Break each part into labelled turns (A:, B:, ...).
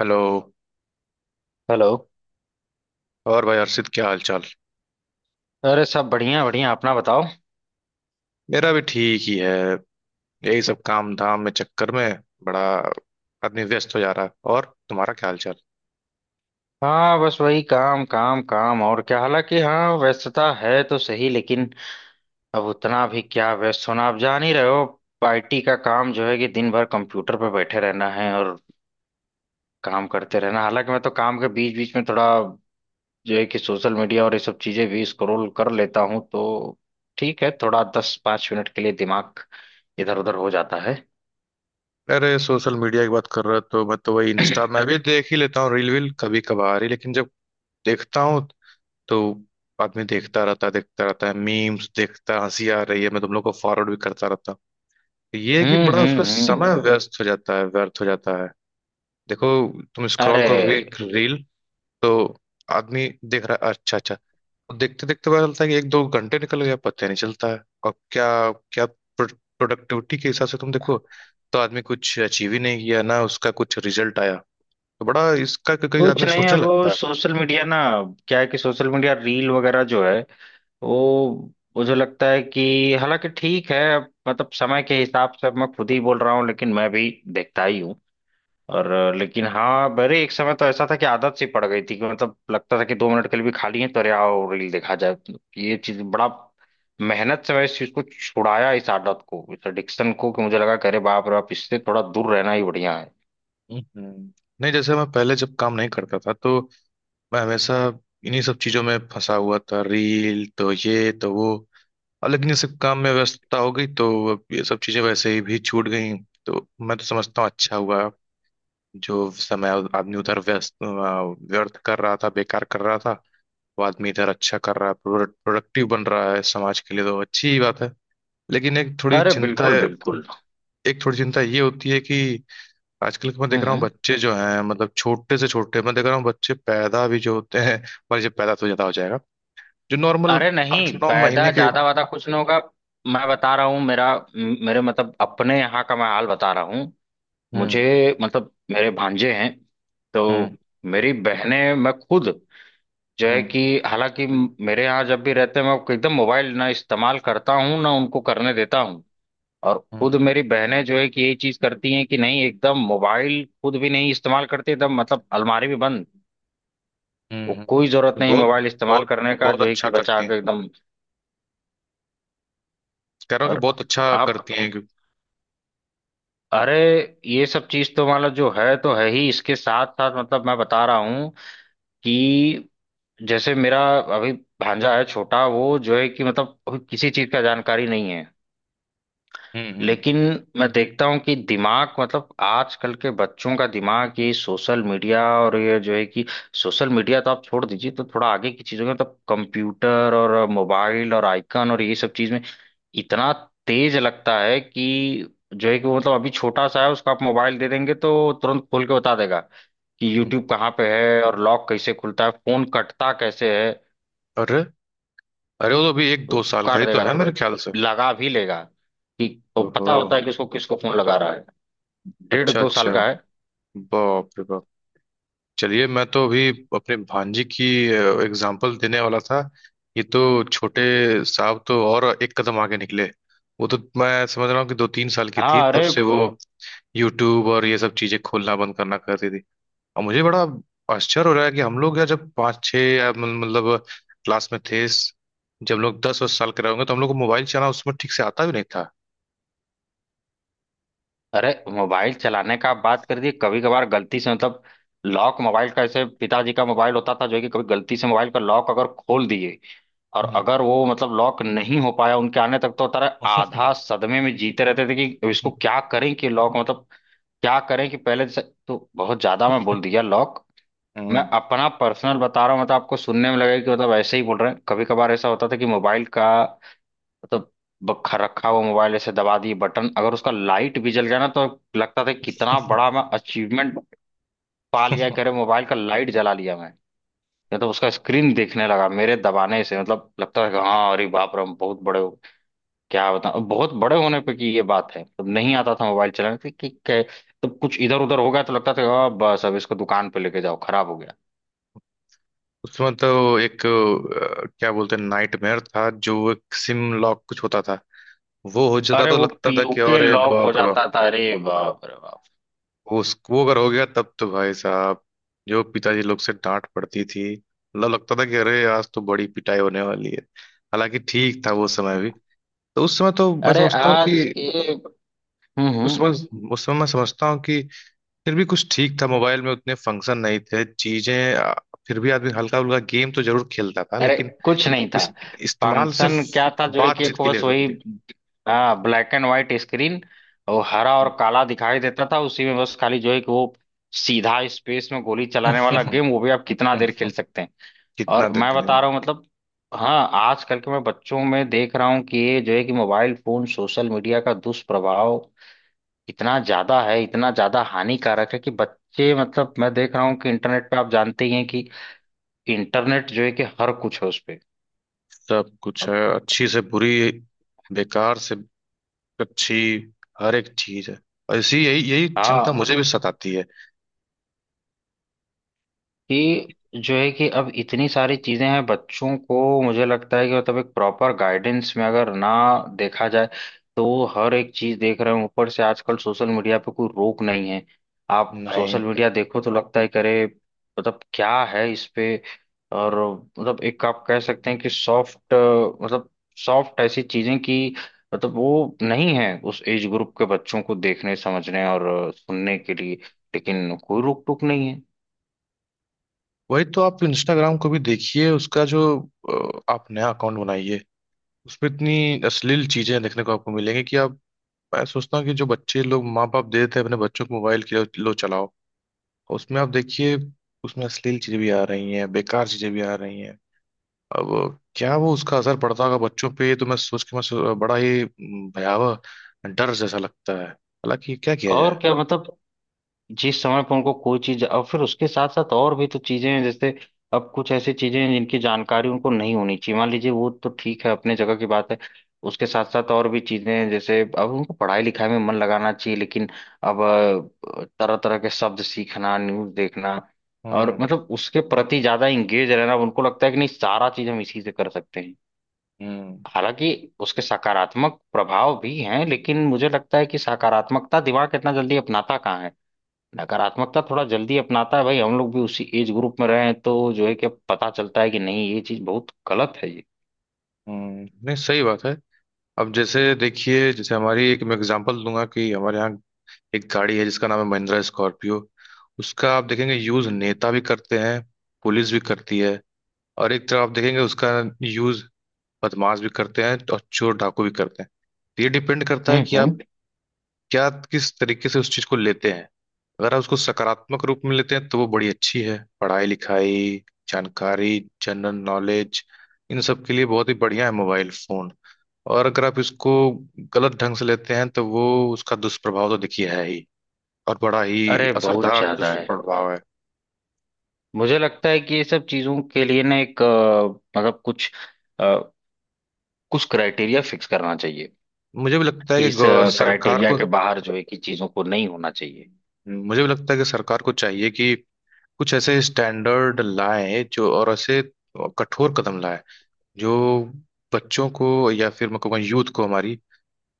A: Hello.
B: Hello.
A: और भाई हर्षित, क्या हाल चाल।
B: अरे सब बढ़िया बढ़िया, अपना बताओ।
A: मेरा भी ठीक ही है। यही सब काम धाम में चक्कर में। बड़ा आदमी व्यस्त हो जा रहा है। और तुम्हारा क्या हाल चाल।
B: हाँ बस वही काम काम काम और क्या। हालांकि हाँ व्यस्तता है तो सही, लेकिन अब उतना भी क्या व्यस्त होना, आप जान ही रहे हो। IT का काम जो है कि दिन भर कंप्यूटर पर बैठे रहना है और काम करते रहना। हालांकि मैं तो काम के बीच बीच में थोड़ा जो है कि सोशल मीडिया और ये सब चीजें भी स्क्रॉल कर लेता हूँ, तो ठीक है थोड़ा 10-5 मिनट के लिए दिमाग इधर उधर हो जाता है।
A: अरे, सोशल मीडिया की बात कर रहा तो मैं तो वही इंस्टा मैं भी देख ही लेता हूँ। रील वील कभी कभार ही, लेकिन जब देखता हूँ तो आदमी देखता रहता है देखता रहता है, मीम्स देखता है, हंसी आ रही है, मैं तुम लोग को फॉरवर्ड भी करता रहता हूँ। तो ये है कि बड़ा उसमें
B: हम्म।
A: समय व्यस्त हो जाता है, व्यर्थ हो जाता है। देखो, तुम स्क्रॉल
B: अरे
A: करो कभी रील, तो आदमी देख रहा है अच्छा अच्छा। देखते देखते पता चलता है कि एक दो घंटे निकल गया, पता ही नहीं चलता है। और क्या क्या प्रोडक्टिविटी के हिसाब से तुम देखो तो आदमी कुछ अचीव ही नहीं किया, ना उसका कुछ रिजल्ट आया। तो बड़ा इसका कई
B: कुछ
A: आदमी
B: नहीं,
A: सोचने
B: अब वो
A: लगता है।
B: सोशल मीडिया ना क्या है कि सोशल मीडिया रील वगैरह जो है वो, मुझे लगता है कि हालांकि ठीक है, अब मतलब समय के हिसाब से अब मैं खुद ही बोल रहा हूँ लेकिन मैं भी देखता ही हूँ। और लेकिन हाँ मेरे एक समय तो ऐसा था कि आदत सी पड़ गई थी कि मतलब लगता था कि 2 मिनट के लिए भी खाली है तो अरे आओ रील देखा जाए। ये चीज बड़ा मेहनत से मैं इस चीज को छुड़ाया, इस आदत को इस एडिक्शन को, कि मुझे लगा कि अरे बाप रे बाप, इससे थोड़ा दूर रहना ही बढ़िया है।
A: हम्म, नहीं, जैसे मैं पहले जब काम नहीं करता था तो मैं हमेशा इन्हीं सब चीजों में फंसा हुआ था। रील तो ये तो वो। और लेकिन ये सब काम में व्यस्तता हो गई तो अब ये सब चीजें वैसे ही भी छूट गई। तो मैं तो समझता हूँ अच्छा हुआ। जो समय आदमी उधर व्यस्त व्यर्थ कर रहा था, बेकार कर रहा था, वो आदमी इधर अच्छा कर रहा है, प्रोडक्टिव बन रहा है। समाज के लिए तो अच्छी ही बात है। लेकिन एक थोड़ी
B: अरे
A: चिंता
B: बिल्कुल बिल्कुल।
A: एक थोड़ी चिंता ये होती है कि आजकल मैं देख रहा हूँ
B: हम्म।
A: बच्चे जो हैं, मतलब छोटे से छोटे। मैं देख रहा हूँ बच्चे पैदा भी जो होते हैं, पर जब पैदा तो ज्यादा हो जाएगा, जो नॉर्मल
B: अरे नहीं,
A: आठ नौ महीने
B: पैदा
A: के।
B: ज्यादा वादा कुछ नहीं होगा। मैं बता रहा हूँ, मेरे मतलब अपने यहाँ का मैं हाल बता रहा हूँ।
A: हम्म,
B: मुझे मतलब मेरे भांजे हैं, तो
A: हम्म,
B: मेरी बहनें मैं खुद जो है
A: हम्म,
B: कि हालांकि मेरे यहाँ जब भी रहते हैं, मैं एकदम मोबाइल ना इस्तेमाल करता हूँ ना उनको करने देता हूँ। और खुद
A: हम्म,
B: मेरी बहनें जो है कि यही चीज करती हैं कि नहीं, एकदम मोबाइल खुद भी नहीं इस्तेमाल करती, एकदम मतलब अलमारी में बंद।
A: हम्म,
B: वो कोई जरूरत नहीं
A: बहुत।
B: मोबाइल इस्तेमाल
A: बहुत
B: करने का
A: बहुत
B: जो है कि
A: अच्छा
B: बचा
A: करती हैं।
B: के एकदम।
A: कह रहा हूँ कि
B: और
A: बहुत अच्छा
B: आप
A: करती हैं क्यों-।
B: अरे, ये सब चीज तो मतलब जो है तो है ही, इसके साथ साथ मतलब मैं बता रहा हूँ कि जैसे मेरा अभी भांजा है छोटा, वो जो है कि मतलब अभी किसी चीज का जानकारी नहीं है,
A: हम्म, हम्म।
B: लेकिन मैं देखता हूँ कि दिमाग मतलब आजकल के बच्चों का दिमाग ये सोशल मीडिया और ये जो है कि सोशल मीडिया तो आप छोड़ दीजिए, तो थोड़ा आगे की चीजों में मतलब कंप्यूटर और मोबाइल और आइकन और ये सब चीज में इतना तेज लगता है कि जो है कि वो मतलब अभी छोटा सा है, उसको आप मोबाइल दे देंगे तो तुरंत खोल के बता देगा कि यूट्यूब कहाँ पे है और लॉक कैसे खुलता है, फोन कटता कैसे है।
A: अरे, अरे, वो तो अभी एक
B: तो
A: दो साल का
B: काट
A: ही तो
B: देगा
A: है मेरे
B: तुरंत,
A: ख्याल से।
B: लगा भी लेगा कि वो पता
A: ओहो।
B: होता है कि उसको किसको फोन लगा रहा है। डेढ़
A: अच्छा
B: दो साल
A: अच्छा।
B: का है।
A: बाप रे बाप। चलिए, मैं तो अभी अपने भांजी की एग्जाम्पल देने वाला था। ये तो छोटे साहब तो और एक कदम आगे निकले। वो तो मैं समझ रहा हूँ कि दो तीन साल की थी
B: हाँ
A: तब
B: अरे,
A: से वो यूट्यूब और ये सब चीजें खोलना बंद करना करती थी। और मुझे बड़ा आश्चर्य हो रहा है कि हम लोग यार जब पाँच छः या मतलब क्लास में थे, जब लोग 10 वर्ष साल के रहे होंगे तो हम लोग को मोबाइल चलाना उसमें ठीक से आता भी नहीं था।
B: अरे मोबाइल चलाने का आप बात कर दी, कभी कभार गलती से मतलब लॉक मोबाइल का ऐसे पिताजी का मोबाइल होता था जो है कि कभी गलती से मोबाइल का लॉक अगर खोल दिए और
A: हम्म।
B: अगर वो मतलब लॉक नहीं हो पाया उनके आने तक, तो तारा आधा सदमे में जीते रहते थे कि इसको क्या करें कि लॉक मतलब क्या करें कि पहले से तो बहुत ज्यादा मैं बोल दिया लॉक। मैं
A: हम्म,
B: अपना पर्सनल बता रहा हूँ, मतलब आपको सुनने में लगेगा कि मतलब ऐसे ही बोल रहे हैं, कभी कभार ऐसा होता था कि मोबाइल का मतलब रखा हुआ मोबाइल ऐसे दबा दिए बटन, अगर उसका लाइट भी जल गया ना तो लगता था कितना बड़ा मैं अचीवमेंट पा लिया, करे मोबाइल का लाइट जला लिया मैं। या तो उसका स्क्रीन देखने लगा मेरे दबाने से, मतलब लगता था कि हाँ अरे बाप रे हम बहुत बड़े हो, क्या बताऊं बहुत बड़े होने पे की ये बात है, तब नहीं आता था मोबाइल चलाने कि तब कुछ इधर उधर हो गया तो लगता था "आ, बस अब इसको दुकान पे लेके जाओ खराब हो गया।
A: उसमें तो एक क्या बोलते हैं, नाइटमेयर था। जो एक सिम लॉक कुछ होता था, वो हो जाता
B: अरे
A: तो
B: वो
A: लगता था कि
B: PUK
A: अरे
B: लॉक हो
A: बाप रे बाप।
B: जाता था, अरे बाप रे बाप।
A: उस वो अगर हो गया तब तो भाई साहब, जो पिताजी लोग से डांट पड़ती थी। मतलब लगता था कि अरे आज तो बड़ी पिटाई होने वाली है। हालांकि ठीक था वो समय भी। तो उस समय तो मैं
B: अरे
A: समझता हूँ कि
B: आज के,
A: उस
B: हम्म।
A: समय उस समय मैं समझता हूँ कि फिर भी कुछ ठीक था। मोबाइल में उतने फंक्शन नहीं थे, चीजें फिर भी आदमी हल्का फुल्का गेम तो जरूर खेलता था,
B: अरे
A: लेकिन
B: कुछ नहीं था,
A: इस, इस्तेमाल सिर्फ
B: फंक्शन क्या था जो है कि
A: बातचीत
B: एक
A: के
B: बस
A: लिए होती
B: वही।
A: थी।
B: हाँ ब्लैक एंड व्हाइट स्क्रीन, वो हरा और काला दिखाई देता था उसी में बस खाली जो है कि वो सीधा स्पेस में गोली चलाने वाला गेम, वो भी आप कितना देर खेल सकते हैं।
A: कितना
B: और मैं
A: देख लें।
B: बता रहा हूँ मतलब हाँ आजकल के मैं बच्चों में देख रहा हूँ कि ये जो है कि मोबाइल फोन सोशल मीडिया का दुष्प्रभाव इतना ज्यादा है, इतना ज्यादा हानिकारक है कि बच्चे मतलब मैं देख रहा हूँ कि इंटरनेट पे आप जानते ही हैं कि इंटरनेट जो है कि हर कुछ है उस पे।
A: सब कुछ है, अच्छी से बुरी, बेकार से अच्छी, हर एक चीज है। ऐसी यही यही चिंता
B: हाँ,
A: मुझे भी सताती है।
B: कि जो है कि अब इतनी सारी चीजें हैं बच्चों को, मुझे लगता है कि मतलब एक प्रॉपर गाइडेंस में अगर ना देखा जाए तो वो हर एक चीज देख रहे हैं, ऊपर से आजकल सोशल मीडिया पे कोई रोक नहीं है। आप
A: नहीं,
B: सोशल मीडिया देखो तो लगता है कि अरे मतलब क्या है इस पे। और मतलब एक आप कह सकते हैं कि सॉफ्ट मतलब सॉफ्ट ऐसी चीजें कि मतलब वो नहीं है उस एज ग्रुप के बच्चों को देखने समझने और सुनने के लिए, लेकिन कोई रोक टोक नहीं है।
A: वही तो। आप इंस्टाग्राम को भी देखिए, उसका जो आप नया अकाउंट बनाइए, उसमें इतनी अश्लील चीजें देखने को आपको मिलेंगी कि आप। मैं सोचता हूँ कि जो बच्चे लोग माँ बाप दे देते हैं अपने बच्चों को मोबाइल के, लो चलाओ, उसमें आप देखिए, उसमें अश्लील चीजें भी आ रही हैं, बेकार चीजें भी आ रही हैं। अब क्या वो, उसका असर पड़ता होगा बच्चों पे? ये तो मैं सोच के बड़ा ही भयावह, डर जैसा लगता है। हालांकि क्या किया
B: और
A: जाए।
B: क्या मतलब जिस समय पर उनको कोई चीज, और फिर उसके साथ साथ और भी तो चीजें हैं जैसे अब कुछ ऐसी चीजें हैं जिनकी जानकारी उनको नहीं होनी चाहिए, मान लीजिए, वो तो ठीक है अपने जगह की बात है। उसके साथ साथ और भी चीजें हैं जैसे अब उनको पढ़ाई लिखाई में मन लगाना चाहिए, लेकिन अब तरह तरह के शब्द सीखना न्यूज देखना और
A: हम्म,
B: मतलब उसके प्रति ज्यादा इंगेज रहना, अब उनको लगता है कि नहीं सारा चीज हम इसी से कर सकते हैं।
A: हम्म।
B: हालांकि उसके सकारात्मक प्रभाव भी हैं, लेकिन मुझे लगता है कि सकारात्मकता दिमाग इतना जल्दी अपनाता कहाँ है, नकारात्मकता थोड़ा जल्दी अपनाता है, भाई हम लोग भी उसी एज ग्रुप में रहे हैं तो जो है कि अब पता चलता है कि नहीं ये चीज बहुत गलत है ये।
A: नहीं, सही बात है। अब जैसे देखिए, जैसे हमारी एक, मैं एग्जांपल दूंगा कि हमारे यहाँ एक गाड़ी है जिसका नाम है महिंद्रा स्कॉर्पियो। उसका आप देखेंगे, यूज नेता भी करते हैं, पुलिस भी करती है। और एक तरफ आप देखेंगे उसका यूज बदमाश भी करते हैं और चोर डाकू भी करते हैं। तो ये डिपेंड करता है कि आप
B: हम्म।
A: क्या, किस तरीके से उस चीज को लेते हैं। अगर आप उसको सकारात्मक रूप में लेते हैं तो वो बड़ी अच्छी है। पढ़ाई लिखाई, जानकारी, जनरल नॉलेज, इन सब के लिए बहुत ही बढ़िया है मोबाइल फोन। और अगर आप इसको गलत ढंग से लेते हैं तो वो, उसका दुष्प्रभाव तो देखिए है ही। और बड़ा ही
B: अरे बहुत
A: असरदार
B: ज्यादा है।
A: दुष्प्रभाव है।
B: मुझे लगता है कि ये सब चीजों के लिए ना एक मतलब कुछ अ, कुछ क्राइटेरिया फिक्स करना चाहिए
A: मुझे भी लगता है
B: कि
A: कि
B: इस
A: सरकार
B: क्राइटेरिया
A: को।
B: के बाहर जो है कि चीजों को नहीं होना चाहिए।
A: मुझे भी लगता है कि सरकार को चाहिए कि कुछ ऐसे स्टैंडर्ड लाए जो, और ऐसे कठोर कदम लाए जो बच्चों को, या फिर मैं कहूँगा यूथ को हमारी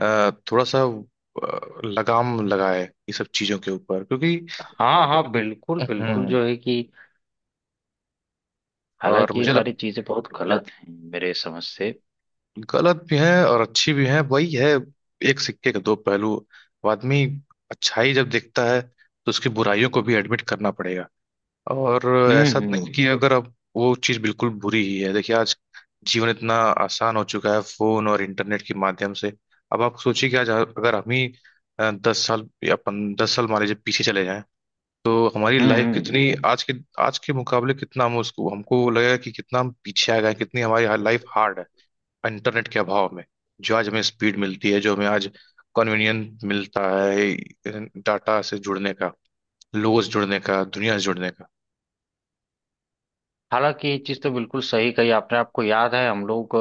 A: थोड़ा सा लगाम लगाए ये सब चीजों के ऊपर, क्योंकि।
B: हाँ हाँ बिल्कुल बिल्कुल
A: हम्म
B: जो है कि
A: और
B: हालांकि ये सारी चीजें बहुत गलत हैं मेरे समझ से।
A: गलत भी है और अच्छी भी है। वही है, एक सिक्के के दो पहलू। वो आदमी अच्छाई जब देखता है तो उसकी बुराइयों को भी एडमिट करना पड़ेगा। और ऐसा
B: हम्म
A: तो नहीं
B: हम्म
A: कि अगर अब वो चीज़ बिल्कुल बुरी ही है। देखिए, आज जीवन इतना आसान हो चुका है फोन और इंटरनेट के माध्यम से। अब आप सोचिए कि आज अगर हम ही 10 साल या पन 10 साल मान लीजिए पीछे चले जाएं, तो हमारी लाइफ
B: हम्म।
A: कितनी आज के मुकाबले कितना हम उसको, हमको लगेगा कि कितना हम पीछे आ गए, कितनी हमारी लाइफ हार्ड है इंटरनेट के अभाव में। जो आज हमें स्पीड मिलती है, जो हमें आज कन्वीनियंट मिलता है, डाटा से जुड़ने का, लोगों से जुड़ने का, दुनिया से जुड़ने का।
B: हालांकि ये चीज तो बिल्कुल सही कही आपने, आपको याद है हम लोग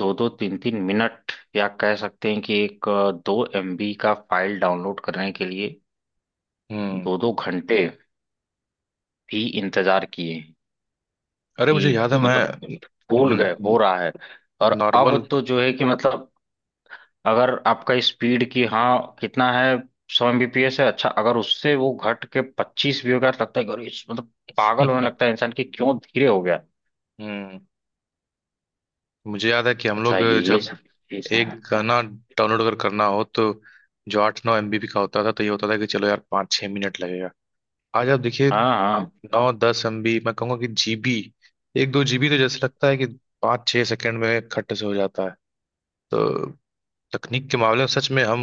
B: दो दो तीन तीन मिनट या कह सकते हैं कि एक 2 MB का फाइल डाउनलोड करने के लिए
A: हम्म
B: दो दो घंटे भी इंतजार किए,
A: अरे, मुझे
B: कि
A: याद है
B: मतलब
A: मैं
B: भूल गए हो रहा है। और अब
A: नॉर्मल।
B: तो जो है कि मतलब अगर आपका स्पीड की हाँ कितना है, 100 Mbps है, अच्छा अगर उससे वो घट के 25 भी हो गया तो लगता है कि अरे मतलब पागल होने लगता है इंसान कि क्यों धीरे हो गया।
A: हम्म मुझे याद है कि हम लोग
B: अच्छा ये
A: जब
B: सब चीज
A: एक
B: है।
A: गाना डाउनलोड अगर करना हो, तो जो 8-9 एमबी का होता था, तो ये होता था कि चलो यार, पाँच छः मिनट लगेगा। आज आप देखिए,
B: हाँ हाँ
A: 9-10 एमबी, मैं कहूँगा कि जीबी, एक दो जीबी तो जैसे लगता है कि पाँच छः सेकंड में खट से हो जाता है। तो तकनीक के मामले में सच में हम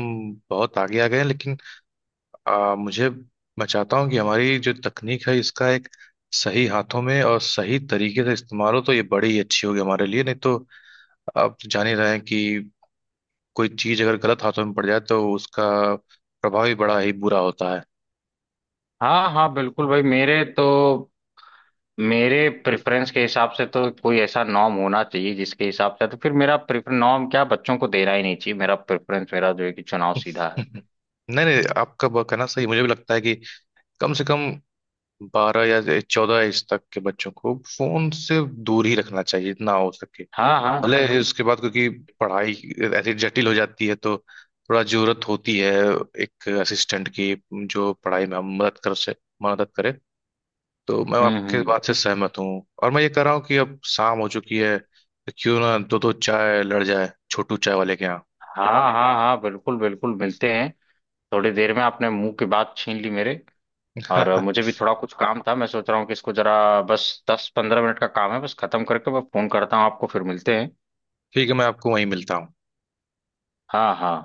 A: बहुत आगे आ गए हैं, लेकिन मुझे मैं चाहता हूँ कि हमारी जो तकनीक है इसका एक सही हाथों में और सही तरीके से इस्तेमाल हो, तो ये बड़ी ही अच्छी होगी हमारे लिए। नहीं तो आप तो जान ही रहे हैं कि कोई चीज अगर गलत हाथों में पड़ जाए तो उसका प्रभाव ही बड़ा ही बुरा होता है।
B: हाँ हाँ, बिल्कुल भाई मेरे तो मेरे प्रेफरेंस के हिसाब से तो कोई ऐसा नॉर्म होना चाहिए जिसके हिसाब से तो फिर मेरा प्रेफर नॉर्म क्या, बच्चों को देना ही नहीं चाहिए, मेरा प्रेफरेंस मेरा जो है कि चुनाव सीधा है।
A: नहीं, नहीं, आपका कहना सही। मुझे भी लगता है कि कम से कम 12 या 14 एज तक के बच्चों को फोन से दूर ही रखना चाहिए जितना हो सके।
B: हाँ हाँ।
A: भले उसके बाद, क्योंकि पढ़ाई ऐसी जटिल हो जाती है तो थोड़ा जरूरत होती है एक असिस्टेंट की, जो पढ़ाई में हम मदद कर से मदद करे। तो मैं आपके
B: हम्म।
A: बात से सहमत हूँ, और मैं ये कह रहा हूँ कि अब शाम हो चुकी है, तो क्यों ना दो दो चाय लड़ जाए छोटू चाय वाले के यहाँ।
B: हाँ हाँ हाँ बिल्कुल बिल्कुल मिलते हैं थोड़ी देर में। आपने मुंह की बात छीन ली मेरे। और मुझे भी थोड़ा कुछ काम था, मैं सोच रहा हूँ कि इसको जरा बस 10-15 मिनट का काम है, बस खत्म करके मैं फोन करता हूँ आपको, फिर मिलते हैं।
A: ठीक है, मैं आपको वहीं मिलता हूँ।
B: हाँ हाँ।